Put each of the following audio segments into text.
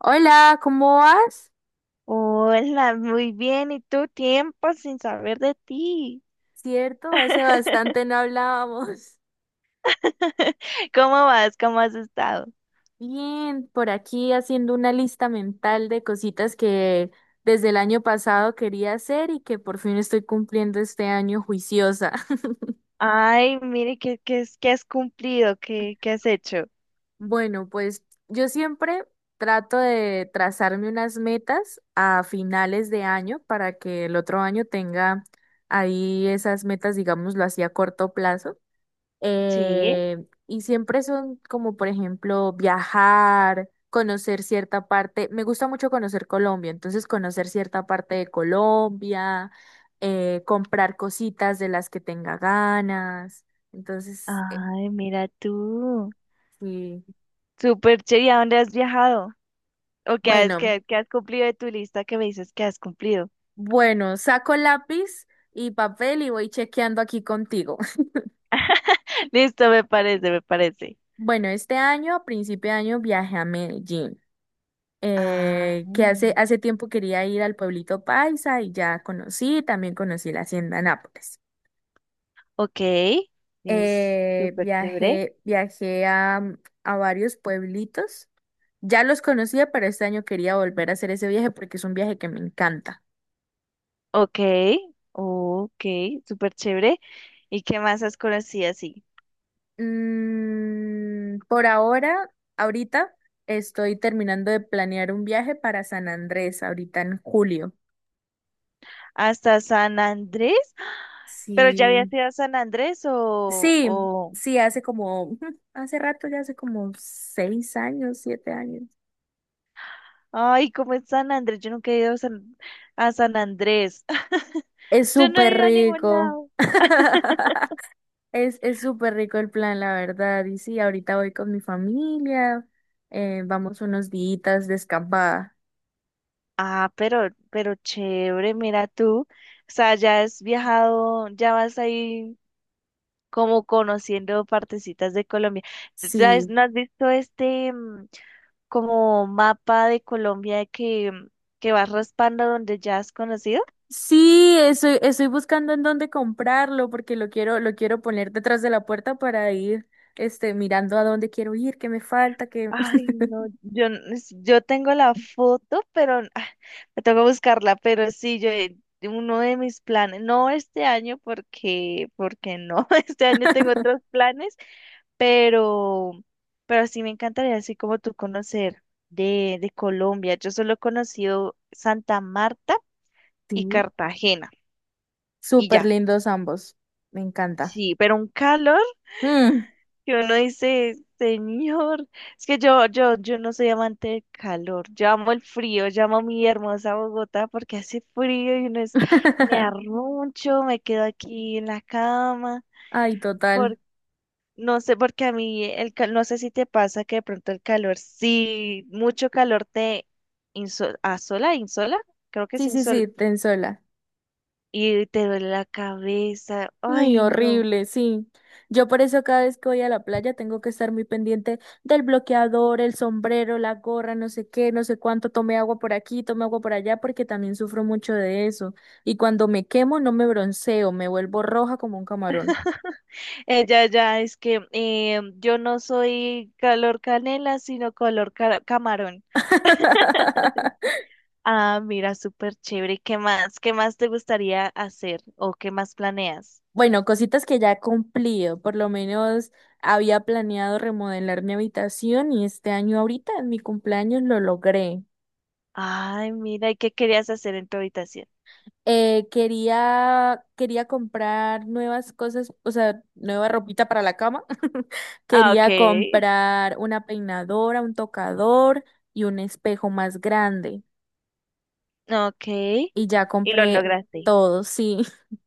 Hola, ¿cómo vas? Hola, muy bien. ¿Y tú? Tiempo sin saber de ti. Cierto, hace bastante no hablábamos. ¿Cómo vas? ¿Cómo has estado? Bien, por aquí haciendo una lista mental de cositas que desde el año pasado quería hacer y que por fin estoy cumpliendo este año juiciosa. Ay, mire, ¿qué has cumplido? ¿Qué has hecho? Bueno, pues yo siempre trato de trazarme unas metas a finales de año para que el otro año tenga ahí esas metas, digámoslo así, a corto plazo. Sí. eh, y siempre son como, por ejemplo, viajar, conocer cierta parte. Me gusta mucho conocer Colombia, entonces conocer cierta parte de Colombia, comprar cositas de las que tenga ganas. Entonces, Ay, mira tú. sí. Súper chévere. ¿Y a dónde has viajado? ¿O qué has, Bueno, qué, qué has cumplido de tu lista que me dices que has cumplido? bueno, saco lápiz y papel y voy chequeando aquí contigo. Listo, me parece, me parece. Bueno, este año, a principio de año, viajé a Medellín. Ah, Que hace, mm, hace tiempo quería ir al pueblito Paisa y ya conocí, también conocí la hacienda Nápoles. ok. Es Eh, súper chévere. viajé, viajé a varios pueblitos. Ya los conocía, pero este año quería volver a hacer ese viaje porque es un viaje que me encanta. Ok, ok, súper chévere. ¿Y qué más has conocido así? Por ahora, ahorita estoy terminando de planear un viaje para San Andrés, ahorita en julio. ¿Hasta San Andrés? ¿Pero ya Sí. habías ido a San Andrés o, Sí, o... sí, hace como, ujú, hace rato, ya hace como 6 años, 7 años. Ay, ¿cómo es San Andrés? Yo nunca he ido a San, Andrés. Es Yo no he súper ido a ningún rico. lado. Es súper rico el plan, la verdad. Y sí, ahorita voy con mi familia, vamos unos días de escapada. Ah, pero chévere, mira tú. O sea, ya has viajado, ya vas ahí como conociendo partecitas de Colombia. ¿Sabes? Sí. ¿No has visto este como mapa de Colombia que vas raspando donde ya has conocido? Sí, estoy buscando en dónde comprarlo porque lo quiero poner detrás de la puerta para ir, mirando a dónde quiero ir, qué me falta, qué. Ay, no, yo tengo la foto, pero me tengo que buscarla, pero sí, yo, uno de mis planes, no este año porque no, este año tengo otros planes, pero, pero, sí me encantaría, así como tú conocer de Colombia. Yo solo he conocido Santa Marta y Sí, Cartagena, y súper ya, lindos ambos. Me encanta. sí, pero un calor. Mm. Que uno dice, señor, es que yo no soy amante del calor, yo amo el frío, yo amo mi hermosa Bogotá porque hace frío y uno es, me arruncho, me quedo aquí en la cama, Ay, por, total. no sé, porque a mí, no sé si te pasa que de pronto el calor, sí, mucho calor te asola, insola, creo que es Sí, sí, insol, sí, ten sola. y te duele la cabeza, Ay, ay no. horrible, sí. Yo por eso cada vez que voy a la playa tengo que estar muy pendiente del bloqueador, el sombrero, la gorra, no sé qué, no sé cuánto, tomé agua por aquí, tomé agua por allá, porque también sufro mucho de eso. Y cuando me quemo no me bronceo, me vuelvo roja como un camarón. Ella ya es que yo no soy color canela, sino color camarón. Ah, mira, súper chévere. ¿Qué más? ¿Qué más te gustaría hacer o qué más planeas? Bueno, cositas que ya he cumplido. Por lo menos había planeado remodelar mi habitación y este año ahorita en mi cumpleaños lo logré. Ay, mira, ¿y qué querías hacer en tu habitación? Quería comprar nuevas cosas, o sea, nueva ropita para la cama. Ah, ok, Quería comprar una peinadora, un tocador y un espejo más grande. ok. Y ya Y lo compré lograste. todo, sí.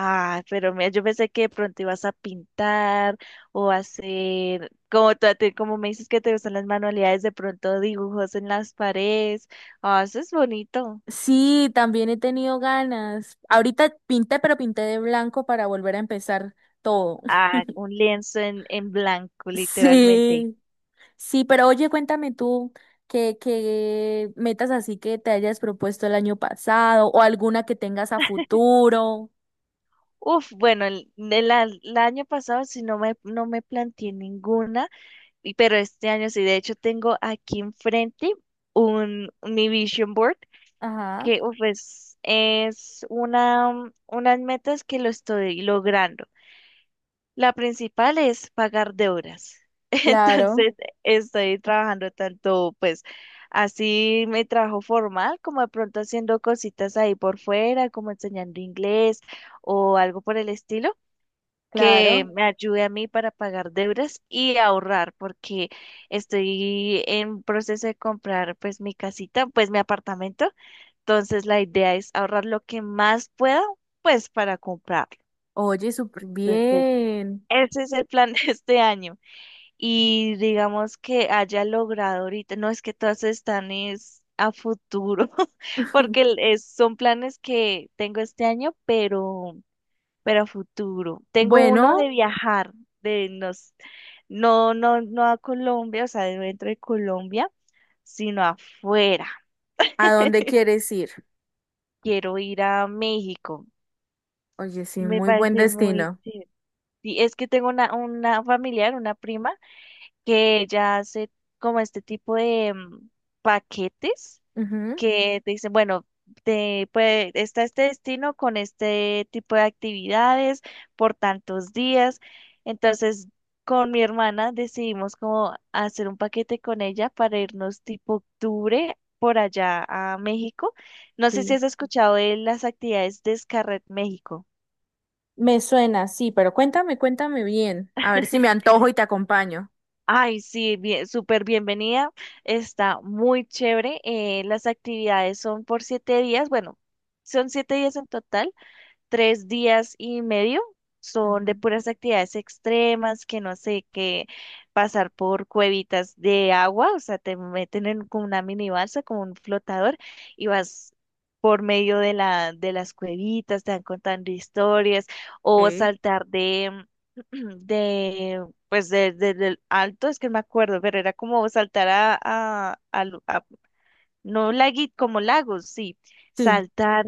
Ah, pero mira, yo pensé que de pronto ibas a pintar o hacer, como, como me dices que te gustan las manualidades, de pronto dibujos en las paredes. Ah, eso es bonito. Sí, también he tenido ganas. Ahorita pinté, pero pinté de blanco para volver a empezar todo. A un lienzo en, blanco, literalmente. Sí. Sí, pero oye, cuéntame tú qué metas así que te hayas propuesto el año pasado o alguna que tengas a futuro. Uf, bueno, el año pasado sí no me planteé ninguna, pero este año sí, de hecho tengo aquí enfrente mi vision board, Ajá, que uf, es unas metas que lo estoy logrando. La principal es pagar deudas. claro, Entonces, estoy trabajando tanto, pues, así mi trabajo formal, como de pronto haciendo cositas ahí por fuera, como enseñando inglés o algo por el estilo, que claro. me ayude a mí para pagar deudas y ahorrar, porque estoy en proceso de comprar, pues, mi casita, pues, mi apartamento. Entonces, la idea es ahorrar lo que más pueda, pues, para comprarlo. Oye, súper Entonces, bien. ese es el plan de este año y digamos que haya logrado ahorita, no es que todas están es a futuro. Porque son planes que tengo este año, pero, a futuro. Tengo uno de Bueno, viajar, de nos, no, no, no a Colombia, o sea, de dentro de Colombia, sino afuera. ¿a dónde quieres ir? Quiero ir a México. Oye, sí, Me muy buen parece muy destino. chévere. Sí, es que tengo una familiar, una prima que ella hace como este tipo de paquetes Ujú. que te dicen, bueno, está este destino con este tipo de actividades por tantos días. Entonces, con mi hermana decidimos como hacer un paquete con ella para irnos tipo octubre por allá a México. No sé si Sí. has escuchado de las actividades de Scarret México. Me suena, sí, pero cuéntame, cuéntame bien. A ver si me antojo y te acompaño. Ay, sí, bien, súper bienvenida. Está muy chévere. Las actividades son por siete días. Bueno, son siete días en total, tres días y medio son de Ujú. puras actividades extremas, que no sé, que pasar por cuevitas de agua, o sea, te meten en como una mini balsa, como un flotador, y vas por medio de las cuevitas, te van contando historias, o Ok. saltar de, de, pues de- del alto, es que no me acuerdo, pero era como saltar a no lagui, como lagos, sí, Sí. saltar,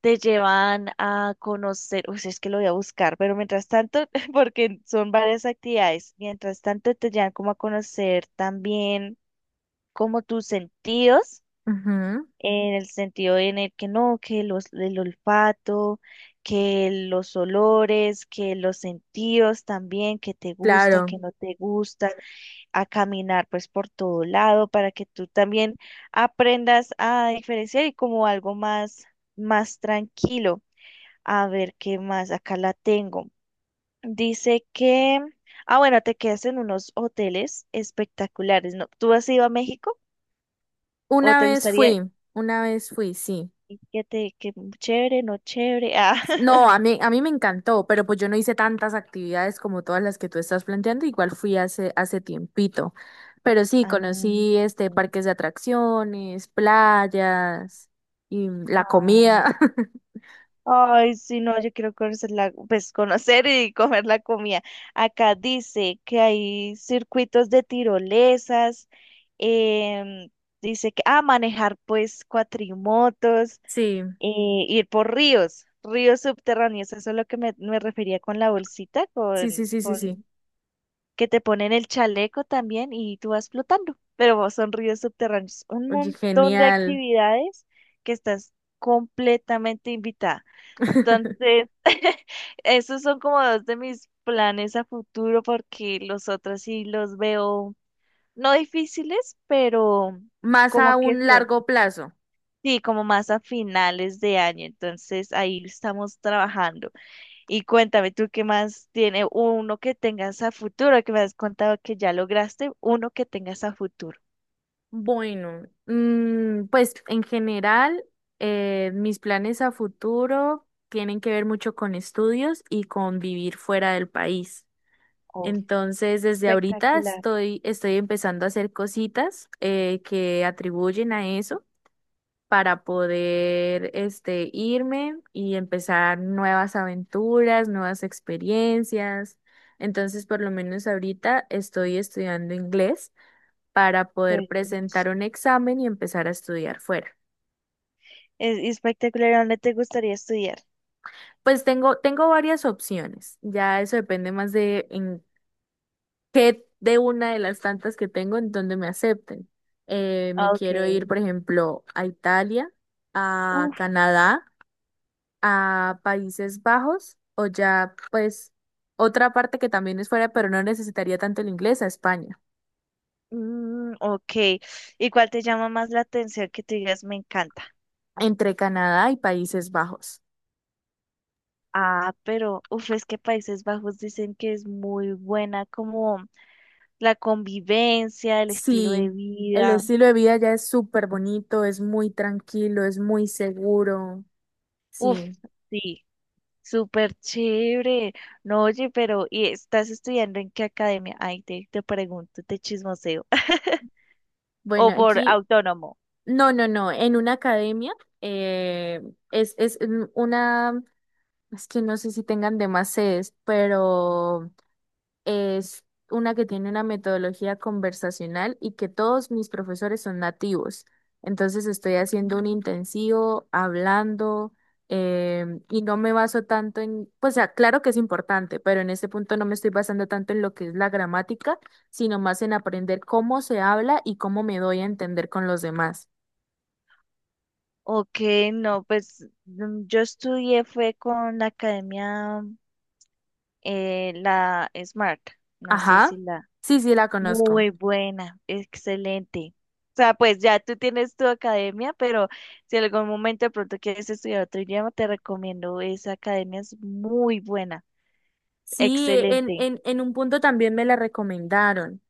te llevan a conocer, uy, es que lo voy a buscar, pero mientras tanto, porque son varias actividades, mientras tanto te llevan como a conocer también como tus sentidos, Ujú, en el sentido en el que no, que los, el olfato, que los olores, que los sentidos también, que te gusta, claro. que no te gusta, a caminar pues por todo lado para que tú también aprendas a diferenciar y como algo más, más tranquilo. A ver qué más, acá la tengo. Dice que, bueno, te quedas en unos hoteles espectaculares, ¿no? ¿Tú has ido a México o te gustaría Una vez fui, sí. y que que chévere, no chévere? Ah, No, a mí me encantó, pero pues yo no hice tantas actividades como todas las que tú estás planteando, igual fui hace tiempito. Pero sí, ah, conocí este sí, parques de atracciones, playas y la ah. comida. Ay, sí, no, yo quiero pues conocer y comer la comida. Acá dice que hay circuitos de tirolesas, em, dice que, manejar pues cuatrimotos, Sí, y ir por ríos subterráneos. Eso es lo que me refería con la bolsita, sí, sí, con, sí, sí, con sí. Ujú. Que te ponen el chaleco también y tú vas flotando, pero son ríos subterráneos. Un Oye, montón de genial. actividades que estás completamente invitada. Entonces, esos son como dos de mis planes a futuro porque los otros sí los veo no difíciles, pero Más como a que un son. largo plazo. Sí, como más a finales de año, entonces ahí estamos trabajando. Y cuéntame tú qué más tiene uno que tengas a futuro, que me has contado que ya lograste, uno que tengas a futuro. Bueno, pues en general, mis planes a futuro tienen que ver mucho con estudios y con vivir fuera del país. Oh, Entonces, desde ahorita espectacular. estoy empezando a hacer cositas que atribuyen a eso para poder irme y empezar nuevas aventuras, nuevas experiencias. Entonces, por lo menos ahorita estoy estudiando inglés para poder presentar Pues, un examen y empezar a estudiar fuera. es y espectacular, ¿a ¿dónde te gustaría estudiar? Pues tengo varias opciones. Ya eso depende más de que de una de las tantas que tengo en donde me acepten. Me Ah, quiero ir, okay. por ejemplo, a Italia, a Uf. Canadá, a Países Bajos o ya, pues, otra parte que también es fuera, pero no necesitaría tanto el inglés, a España, Ok, ¿y cuál te llama más la atención que tú digas me encanta? entre Canadá y Países Bajos. Ah, pero, uf, es que Países Bajos dicen que es muy buena como la convivencia, el estilo de Sí, el vida. estilo de vida ya es súper bonito, es muy tranquilo, es muy seguro. Uf, Sí. sí, súper chévere. No, oye, pero ¿y estás estudiando en qué academia? Ay, te pregunto, te chismoseo. O Bueno, por aquí. autónomo. No, no, no, en una academia eh, una, es que no sé si tengan demás sedes, pero es una que tiene una metodología conversacional y que todos mis profesores son nativos. Entonces estoy haciendo un Mm. intensivo, hablando, y no me baso tanto en, pues ah, claro que es importante, pero en este punto no me estoy basando tanto en lo que es la gramática, sino más en aprender cómo se habla y cómo me doy a entender con los demás. Ok, no, pues yo estudié fue con la academia, la Smart. No sé Ajá. si la... Sí, sí, la conozco. Muy buena, excelente. O sea, pues ya tú tienes tu academia, pero si en algún momento de pronto quieres estudiar otro idioma, te recomiendo esa academia, es muy buena, Sí, en, excelente. en, en un punto también me la recomendaron,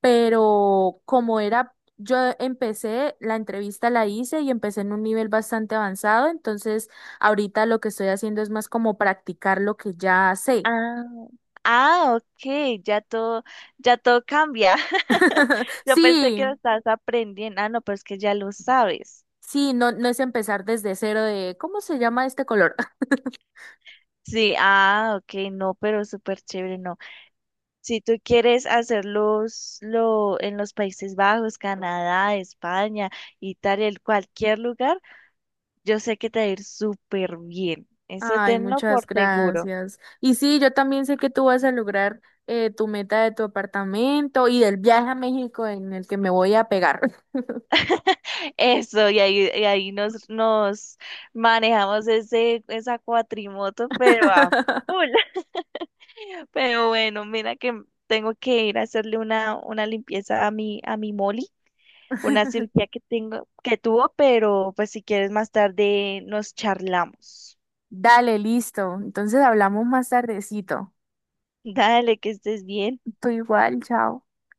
pero como era, yo empecé, la entrevista la hice y empecé en un nivel bastante avanzado, entonces ahorita lo que estoy haciendo es más como practicar lo que ya sé. Ah, ah, ok, ya todo cambia. Yo pensé Sí, que lo estabas aprendiendo. Ah, no, pero es que ya lo sabes. sí, no, no es empezar desde cero de, ¿cómo se llama este color? Sí, ah, ok, no, pero súper chévere, no. Si tú quieres hacerlos en los Países Bajos, Canadá, España, Italia, en cualquier lugar, yo sé que te va a ir súper bien. Eso Ay, tenlo muchas por seguro. gracias. Y sí, yo también sé que tú vas a lograr tu meta de tu apartamento y del viaje a México en el que me voy a pegar. Eso, y ahí, nos manejamos esa cuatrimoto, pero a full. Pero bueno, mira que tengo que ir a hacerle una, limpieza a mi Molly, una cirugía que tengo, que tuvo, pero pues si quieres más tarde nos charlamos. Dale, listo. Entonces hablamos más tardecito. Dale, que estés bien. Tú igual, chao.